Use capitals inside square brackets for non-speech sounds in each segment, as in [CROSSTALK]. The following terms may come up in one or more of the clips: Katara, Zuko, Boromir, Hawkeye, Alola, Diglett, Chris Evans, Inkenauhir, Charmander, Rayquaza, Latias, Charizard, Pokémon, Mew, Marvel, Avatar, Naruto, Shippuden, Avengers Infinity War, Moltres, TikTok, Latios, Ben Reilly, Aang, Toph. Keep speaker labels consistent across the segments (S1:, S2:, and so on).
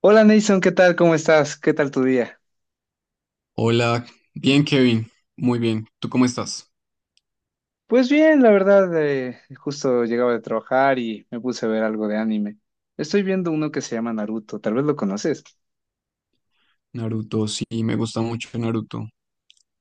S1: Hola Nason, ¿qué tal? ¿Cómo estás? ¿Qué tal tu día?
S2: Hola, bien Kevin, muy bien. ¿Tú cómo estás?
S1: Pues bien, la verdad, justo llegaba de trabajar y me puse a ver algo de anime. Estoy viendo uno que se llama Naruto, tal vez lo conoces.
S2: Naruto, sí, me gusta mucho Naruto.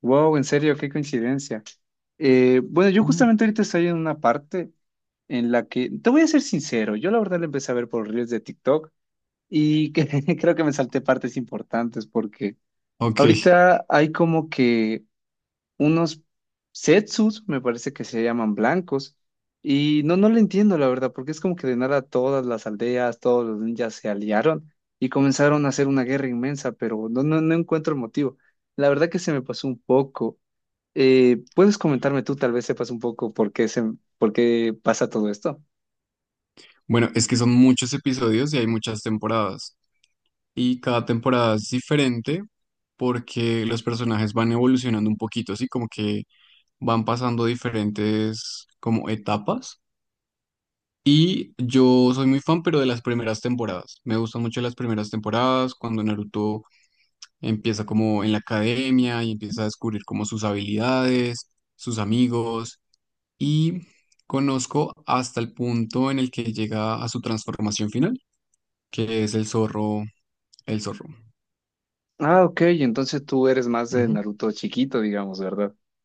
S1: Wow, en serio, qué coincidencia. Bueno, yo
S2: Mm.
S1: justamente ahorita estoy en una parte en la que, te voy a ser sincero, yo la verdad lo empecé a ver por reels de TikTok y [LAUGHS] creo que me salté partes importantes porque
S2: Ok,
S1: ahorita hay como que unos setsus, me parece que se llaman blancos. Y no, no lo entiendo, la verdad, porque es como que de nada todas las aldeas, todos los ninjas se aliaron y comenzaron a hacer una guerra inmensa, pero no, no, no encuentro el motivo. La verdad que se me pasó un poco. ¿puedes comentarme tú, tal vez sepas un poco por qué se, por qué pasa todo esto?
S2: bueno, es que son muchos episodios y hay muchas temporadas. Y cada temporada es diferente porque los personajes van evolucionando un poquito, así como que van pasando diferentes como etapas. Y yo soy muy fan, pero de las primeras temporadas. Me gustan mucho las primeras temporadas, cuando Naruto empieza como en la academia y empieza a descubrir como sus habilidades, sus amigos y conozco hasta el punto en el que llega a su transformación final, que es el zorro, el zorro.
S1: Ah, ok, entonces tú eres más de
S2: Ujú.
S1: Naruto chiquito, digamos, ¿verdad? [LAUGHS]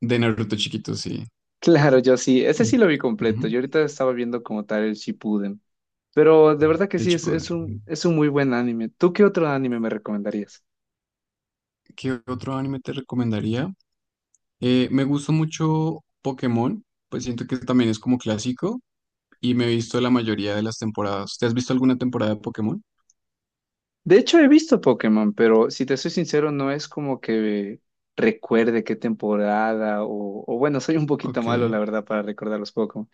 S2: De Naruto chiquito, sí.
S1: Claro, yo sí, ese sí lo vi completo.
S2: Ujú.
S1: Yo ahorita estaba viendo como tal el Shippuden. Pero de verdad que
S2: El
S1: sí,
S2: Shippuden.
S1: es un muy buen anime. ¿Tú qué otro anime me recomendarías?
S2: ¿Qué otro anime te recomendaría? Me gusta mucho Pokémon, pues siento que también es como clásico y me he visto la mayoría de las temporadas. ¿Te has visto alguna temporada de Pokémon?
S1: De hecho, he visto Pokémon, pero si te soy sincero, no es como que recuerde qué temporada o bueno, soy un poquito
S2: Ok.
S1: malo, la verdad, para recordar los Pokémon.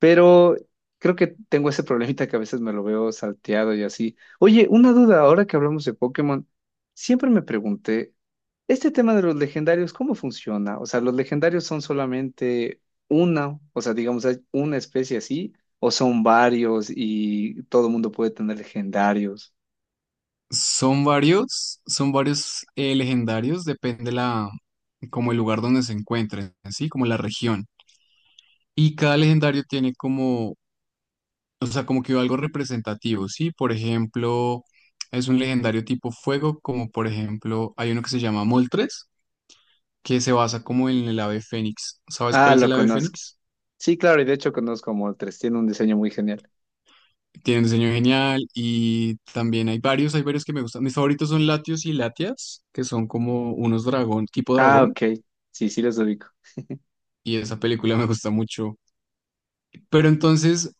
S1: Pero creo que tengo ese problemita que a veces me lo veo salteado y así. Oye, una duda, ahora que hablamos de Pokémon, siempre me pregunté, este tema de los legendarios, ¿cómo funciona? O sea, ¿los legendarios son solamente una, o sea, digamos, hay una especie así, o son varios y todo el mundo puede tener legendarios?
S2: Son varios legendarios, depende la, como el lugar donde se encuentren, ¿sí? Como la región. Y cada legendario tiene como, o sea, como que algo representativo, ¿sí? Por ejemplo, es un legendario tipo fuego, como por ejemplo, hay uno que se llama Moltres, que se basa como en el ave fénix. ¿Sabes
S1: Ah,
S2: cuál es
S1: lo
S2: el ave
S1: conozco.
S2: fénix?
S1: Sí, claro, y de hecho conozco a Moltres, tiene un diseño muy genial.
S2: Tiene un diseño genial y también hay varios que me gustan. Mis favoritos son Latios y Latias, que son como unos dragón, tipo
S1: Ah,
S2: dragón.
S1: ok. Sí, sí los ubico.
S2: Y esa película me gusta mucho. Pero entonces,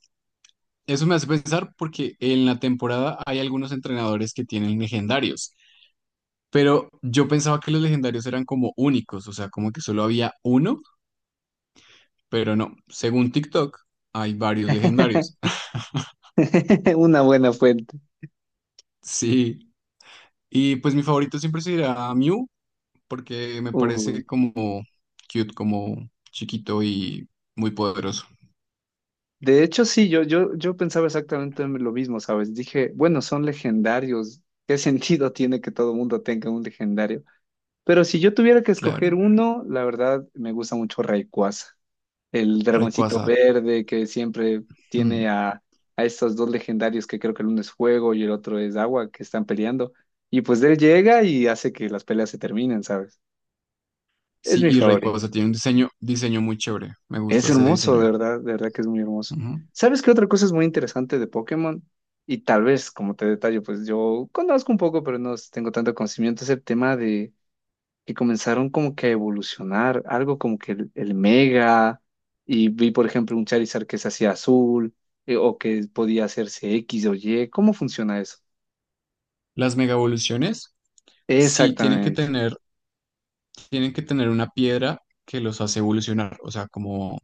S2: eso me hace pensar porque en la temporada hay algunos entrenadores que tienen legendarios, pero yo pensaba que los legendarios eran como únicos, o sea, como que solo había uno, pero no, según TikTok hay varios legendarios.
S1: [LAUGHS]
S2: [LAUGHS]
S1: Una buena fuente.
S2: Sí, y pues mi favorito siempre será Mew porque me
S1: Uh,
S2: parece como cute, como chiquito y muy poderoso.
S1: De hecho, sí, yo pensaba exactamente en lo mismo, ¿sabes? Dije, bueno, son legendarios. ¿Qué [LAUGHS] sentido tiene que todo mundo tenga un legendario? Pero si yo tuviera que escoger
S2: Claro,
S1: uno, la verdad me gusta mucho Rayquaza, el dragoncito
S2: Rayquaza.
S1: verde que siempre
S2: Mm.
S1: tiene a estos dos legendarios que creo que el uno es fuego y el otro es agua que están peleando. Y pues él llega y hace que las peleas se terminen, ¿sabes? Es
S2: Sí,
S1: mi
S2: y
S1: favorito.
S2: Rayquaza tiene un diseño muy chévere. Me gusta
S1: Es
S2: ese
S1: hermoso,
S2: diseño.
S1: de verdad que es muy hermoso.
S2: Ujú.
S1: ¿Sabes qué otra cosa es muy interesante de Pokémon? Y tal vez, como te detallo, pues yo conozco un poco, pero no tengo tanto conocimiento, es el tema de que comenzaron como que a evolucionar, algo como que el Mega, y vi por ejemplo un Charizard que se hacía azul, o que podía hacerse X o Y, ¿cómo funciona eso?
S2: Las mega evoluciones, sí,
S1: Exactamente,
S2: tienen que tener una piedra que los hace evolucionar, o sea, como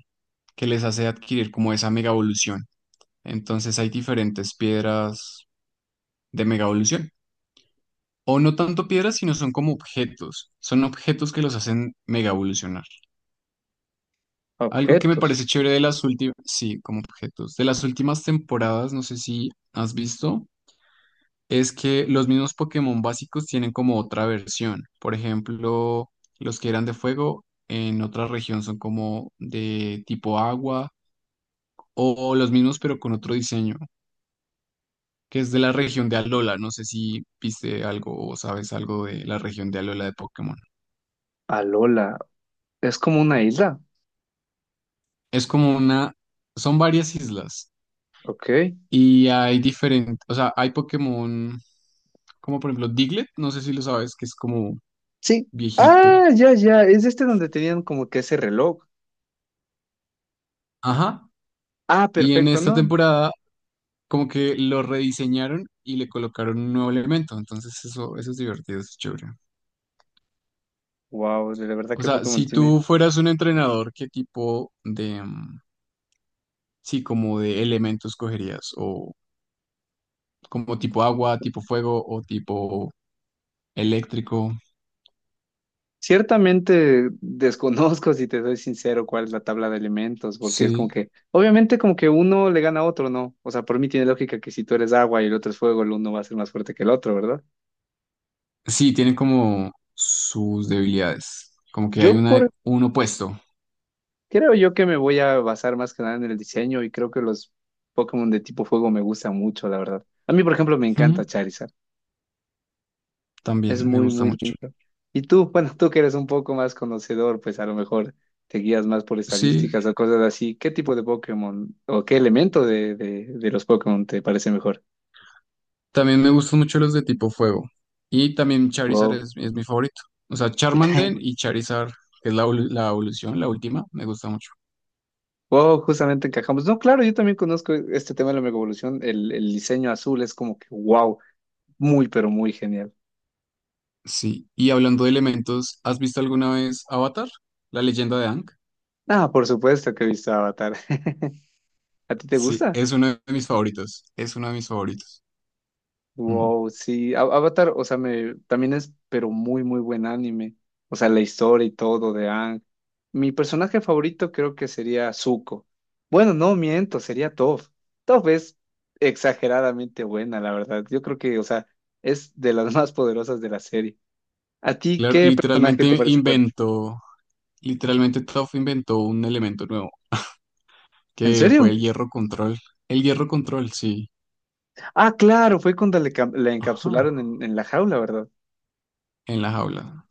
S2: que les hace adquirir como esa mega evolución. Entonces hay diferentes piedras de mega evolución. O no tanto piedras, sino son como objetos. Son objetos que los hacen mega evolucionar. Algo que me
S1: objetos,
S2: parece chévere de las últimas, sí, como objetos. De las últimas temporadas, no sé si has visto. Es que los mismos Pokémon básicos tienen como otra versión. Por ejemplo, los que eran de fuego en otra región son como de tipo agua o los mismos pero con otro diseño, que es de la región de Alola. No sé si viste algo o sabes algo de la región de Alola de Pokémon.
S1: Alola, es como una isla,
S2: Es como una, son varias islas
S1: ok,
S2: y hay diferentes, o sea, hay Pokémon como por ejemplo Diglett, no sé si lo sabes, que es como
S1: sí,
S2: viejito.
S1: ah, ya, es este donde tenían como que ese reloj,
S2: Ajá.
S1: ah,
S2: Y en
S1: perfecto,
S2: esta
S1: ¿no?
S2: temporada como que lo rediseñaron y le colocaron un nuevo elemento. Entonces eso es divertido, eso es chévere.
S1: Wow, de verdad
S2: O
S1: que
S2: sea,
S1: Pokémon
S2: si
S1: tiene.
S2: tú fueras un entrenador, ¿qué tipo de, mm, sí, como de elementos cogerías? O como tipo agua, tipo fuego o tipo eléctrico.
S1: Ciertamente desconozco, si te soy sincero, cuál es la tabla de elementos, porque es como
S2: Sí.
S1: que, obviamente como que uno le gana a otro, ¿no? O sea, por mí tiene lógica que si tú eres agua y el otro es fuego, el uno va a ser más fuerte que el otro, ¿verdad?
S2: Sí, tienen como sus debilidades. Como que hay
S1: Yo
S2: una,
S1: por,
S2: un opuesto.
S1: creo yo que me voy a basar más que nada en el diseño y creo que los Pokémon de tipo fuego me gustan mucho, la verdad. A mí, por ejemplo, me encanta
S2: Ujú.
S1: Charizard. Es
S2: También me
S1: muy,
S2: gusta
S1: muy
S2: mucho.
S1: lindo. Y tú, bueno, tú que eres un poco más conocedor, pues a lo mejor te guías más por
S2: Sí,
S1: estadísticas o cosas así. ¿Qué tipo de Pokémon o qué elemento de los Pokémon te parece mejor?
S2: también me gustan mucho los de tipo fuego. Y también Charizard
S1: Wow.
S2: es mi favorito. O sea, Charmander
S1: [LAUGHS]
S2: y Charizard, que es la, la evolución, la última, me gusta mucho.
S1: Wow, justamente encajamos. No, claro, yo también conozco este tema de la mega evolución. El diseño azul es como que wow, muy, pero muy genial.
S2: Sí. Y hablando de elementos, ¿has visto alguna vez Avatar? La leyenda de Aang.
S1: Ah, por supuesto que he visto Avatar. [LAUGHS] ¿A ti te
S2: Sí,
S1: gusta?
S2: es uno de mis favoritos. Es uno de mis favoritos. Mm.
S1: Wow, sí, Avatar, o sea, me también es, pero muy, muy buen anime. O sea, la historia y todo de Aang. Mi personaje favorito creo que sería Zuko. Bueno, no miento, sería Toph. Toph es exageradamente buena, la verdad. Yo creo que, o sea, es de las [LAUGHS] más poderosas de la serie. ¿A ti
S2: Claro,
S1: qué personaje te parece fuerte?
S2: literalmente Toph inventó un elemento nuevo,
S1: ¿En
S2: que fue
S1: serio?
S2: el hierro control. El hierro control, sí.
S1: Ah, claro, fue cuando le, la
S2: Ajá.
S1: encapsularon en la jaula, ¿verdad?
S2: En la jaula.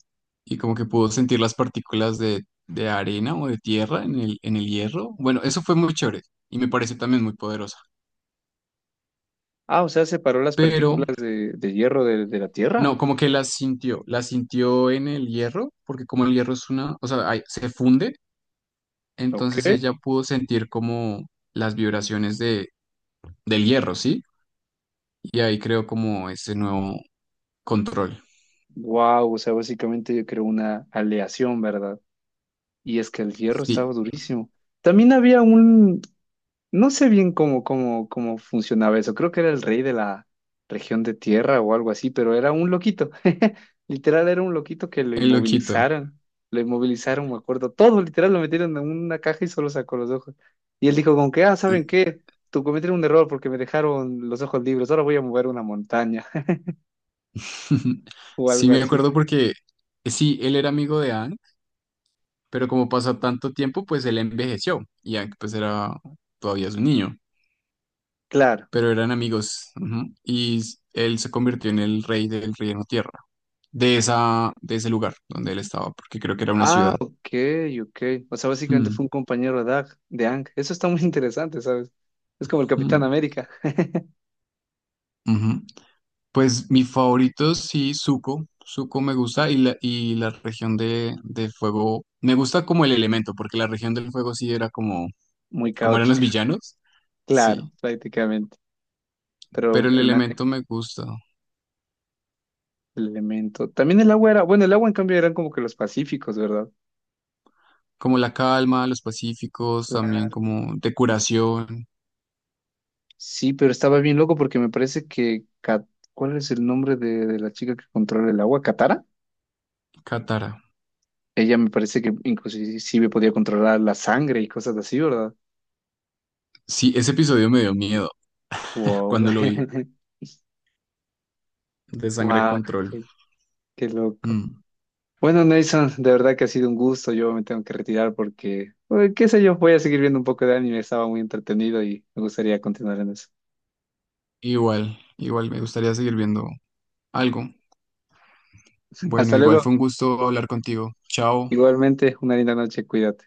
S2: Y como que pudo sentir las partículas de arena o de tierra en el hierro. Bueno, eso fue muy chévere y me pareció también muy poderosa.
S1: Ah, o sea, separó las
S2: Pero
S1: partículas de hierro de la Tierra.
S2: no, como que las sintió en el hierro, porque como el hierro es una, o sea, ahí se funde,
S1: Ok.
S2: entonces ella pudo sentir como las vibraciones del hierro, ¿sí? Y ahí creó como ese nuevo control.
S1: Wow, o sea, básicamente yo creo una aleación, ¿verdad? Y es que el hierro estaba
S2: Sí,
S1: durísimo. También había un, no sé bien cómo funcionaba eso. Creo que era el rey de la región de tierra o algo así, pero era un loquito. [LAUGHS] Literal, era un loquito que lo
S2: el loquito.
S1: inmovilizaron. Lo inmovilizaron, me acuerdo. Todo, literal, lo metieron en una caja y solo sacó los ojos. Y él dijo con que, ah, ¿saben qué? Tú cometieron un error porque me dejaron los ojos libres. Ahora voy a mover una montaña [LAUGHS]
S2: [LAUGHS]
S1: o
S2: Sí,
S1: algo
S2: me
S1: así.
S2: acuerdo porque sí, él era amigo de Anne. Pero como pasó tanto tiempo, pues él envejeció y ya, pues era todavía su niño,
S1: Claro.
S2: pero eran amigos, ujú, y él se convirtió en el rey del reino tierra, de ese lugar donde él estaba, porque creo que era una
S1: Ah,
S2: ciudad.
S1: ok, ok. O sea, básicamente fue
S2: Mm.
S1: un compañero de Ang, de Ang. Eso está muy [LAUGHS] interesante, ¿sabes? Es como el Capitán
S2: Mm.
S1: América. [LAUGHS]
S2: Ujú. Pues mi favorito sí, Zuko. Zuko me gusta y y la región de fuego, me gusta como el elemento, porque la región del fuego sí era como,
S1: Muy
S2: como eran los
S1: caótica.
S2: villanos,
S1: Claro,
S2: sí,
S1: prácticamente.
S2: pero
S1: Pero
S2: el elemento me gusta.
S1: el elemento. También el agua era, bueno, el agua en cambio eran como que los pacíficos, ¿verdad?
S2: Como la calma, los pacíficos,
S1: Claro.
S2: también como de curación.
S1: Sí, pero estaba bien loco porque me parece que, ¿cuál es el nombre de la chica que controla el agua? ¿Katara?
S2: Katara.
S1: Ella me parece que inclusive podía controlar la sangre y cosas así, ¿verdad?
S2: Sí, ese episodio me dio miedo [LAUGHS]
S1: Wow.
S2: cuando lo vi,
S1: [LAUGHS]
S2: de Sangre
S1: Wow,
S2: Control.
S1: qué, qué loco.
S2: Mm.
S1: Bueno, Nelson, de verdad que ha sido un gusto. Yo me tengo que retirar porque, qué sé yo, voy a seguir viendo un poco de anime. Estaba muy entretenido y me gustaría continuar en eso.
S2: Igual, igual me gustaría seguir viendo algo. Bueno,
S1: Hasta
S2: igual
S1: luego.
S2: fue un gusto hablar contigo. Chao.
S1: Igualmente, una linda noche. Cuídate.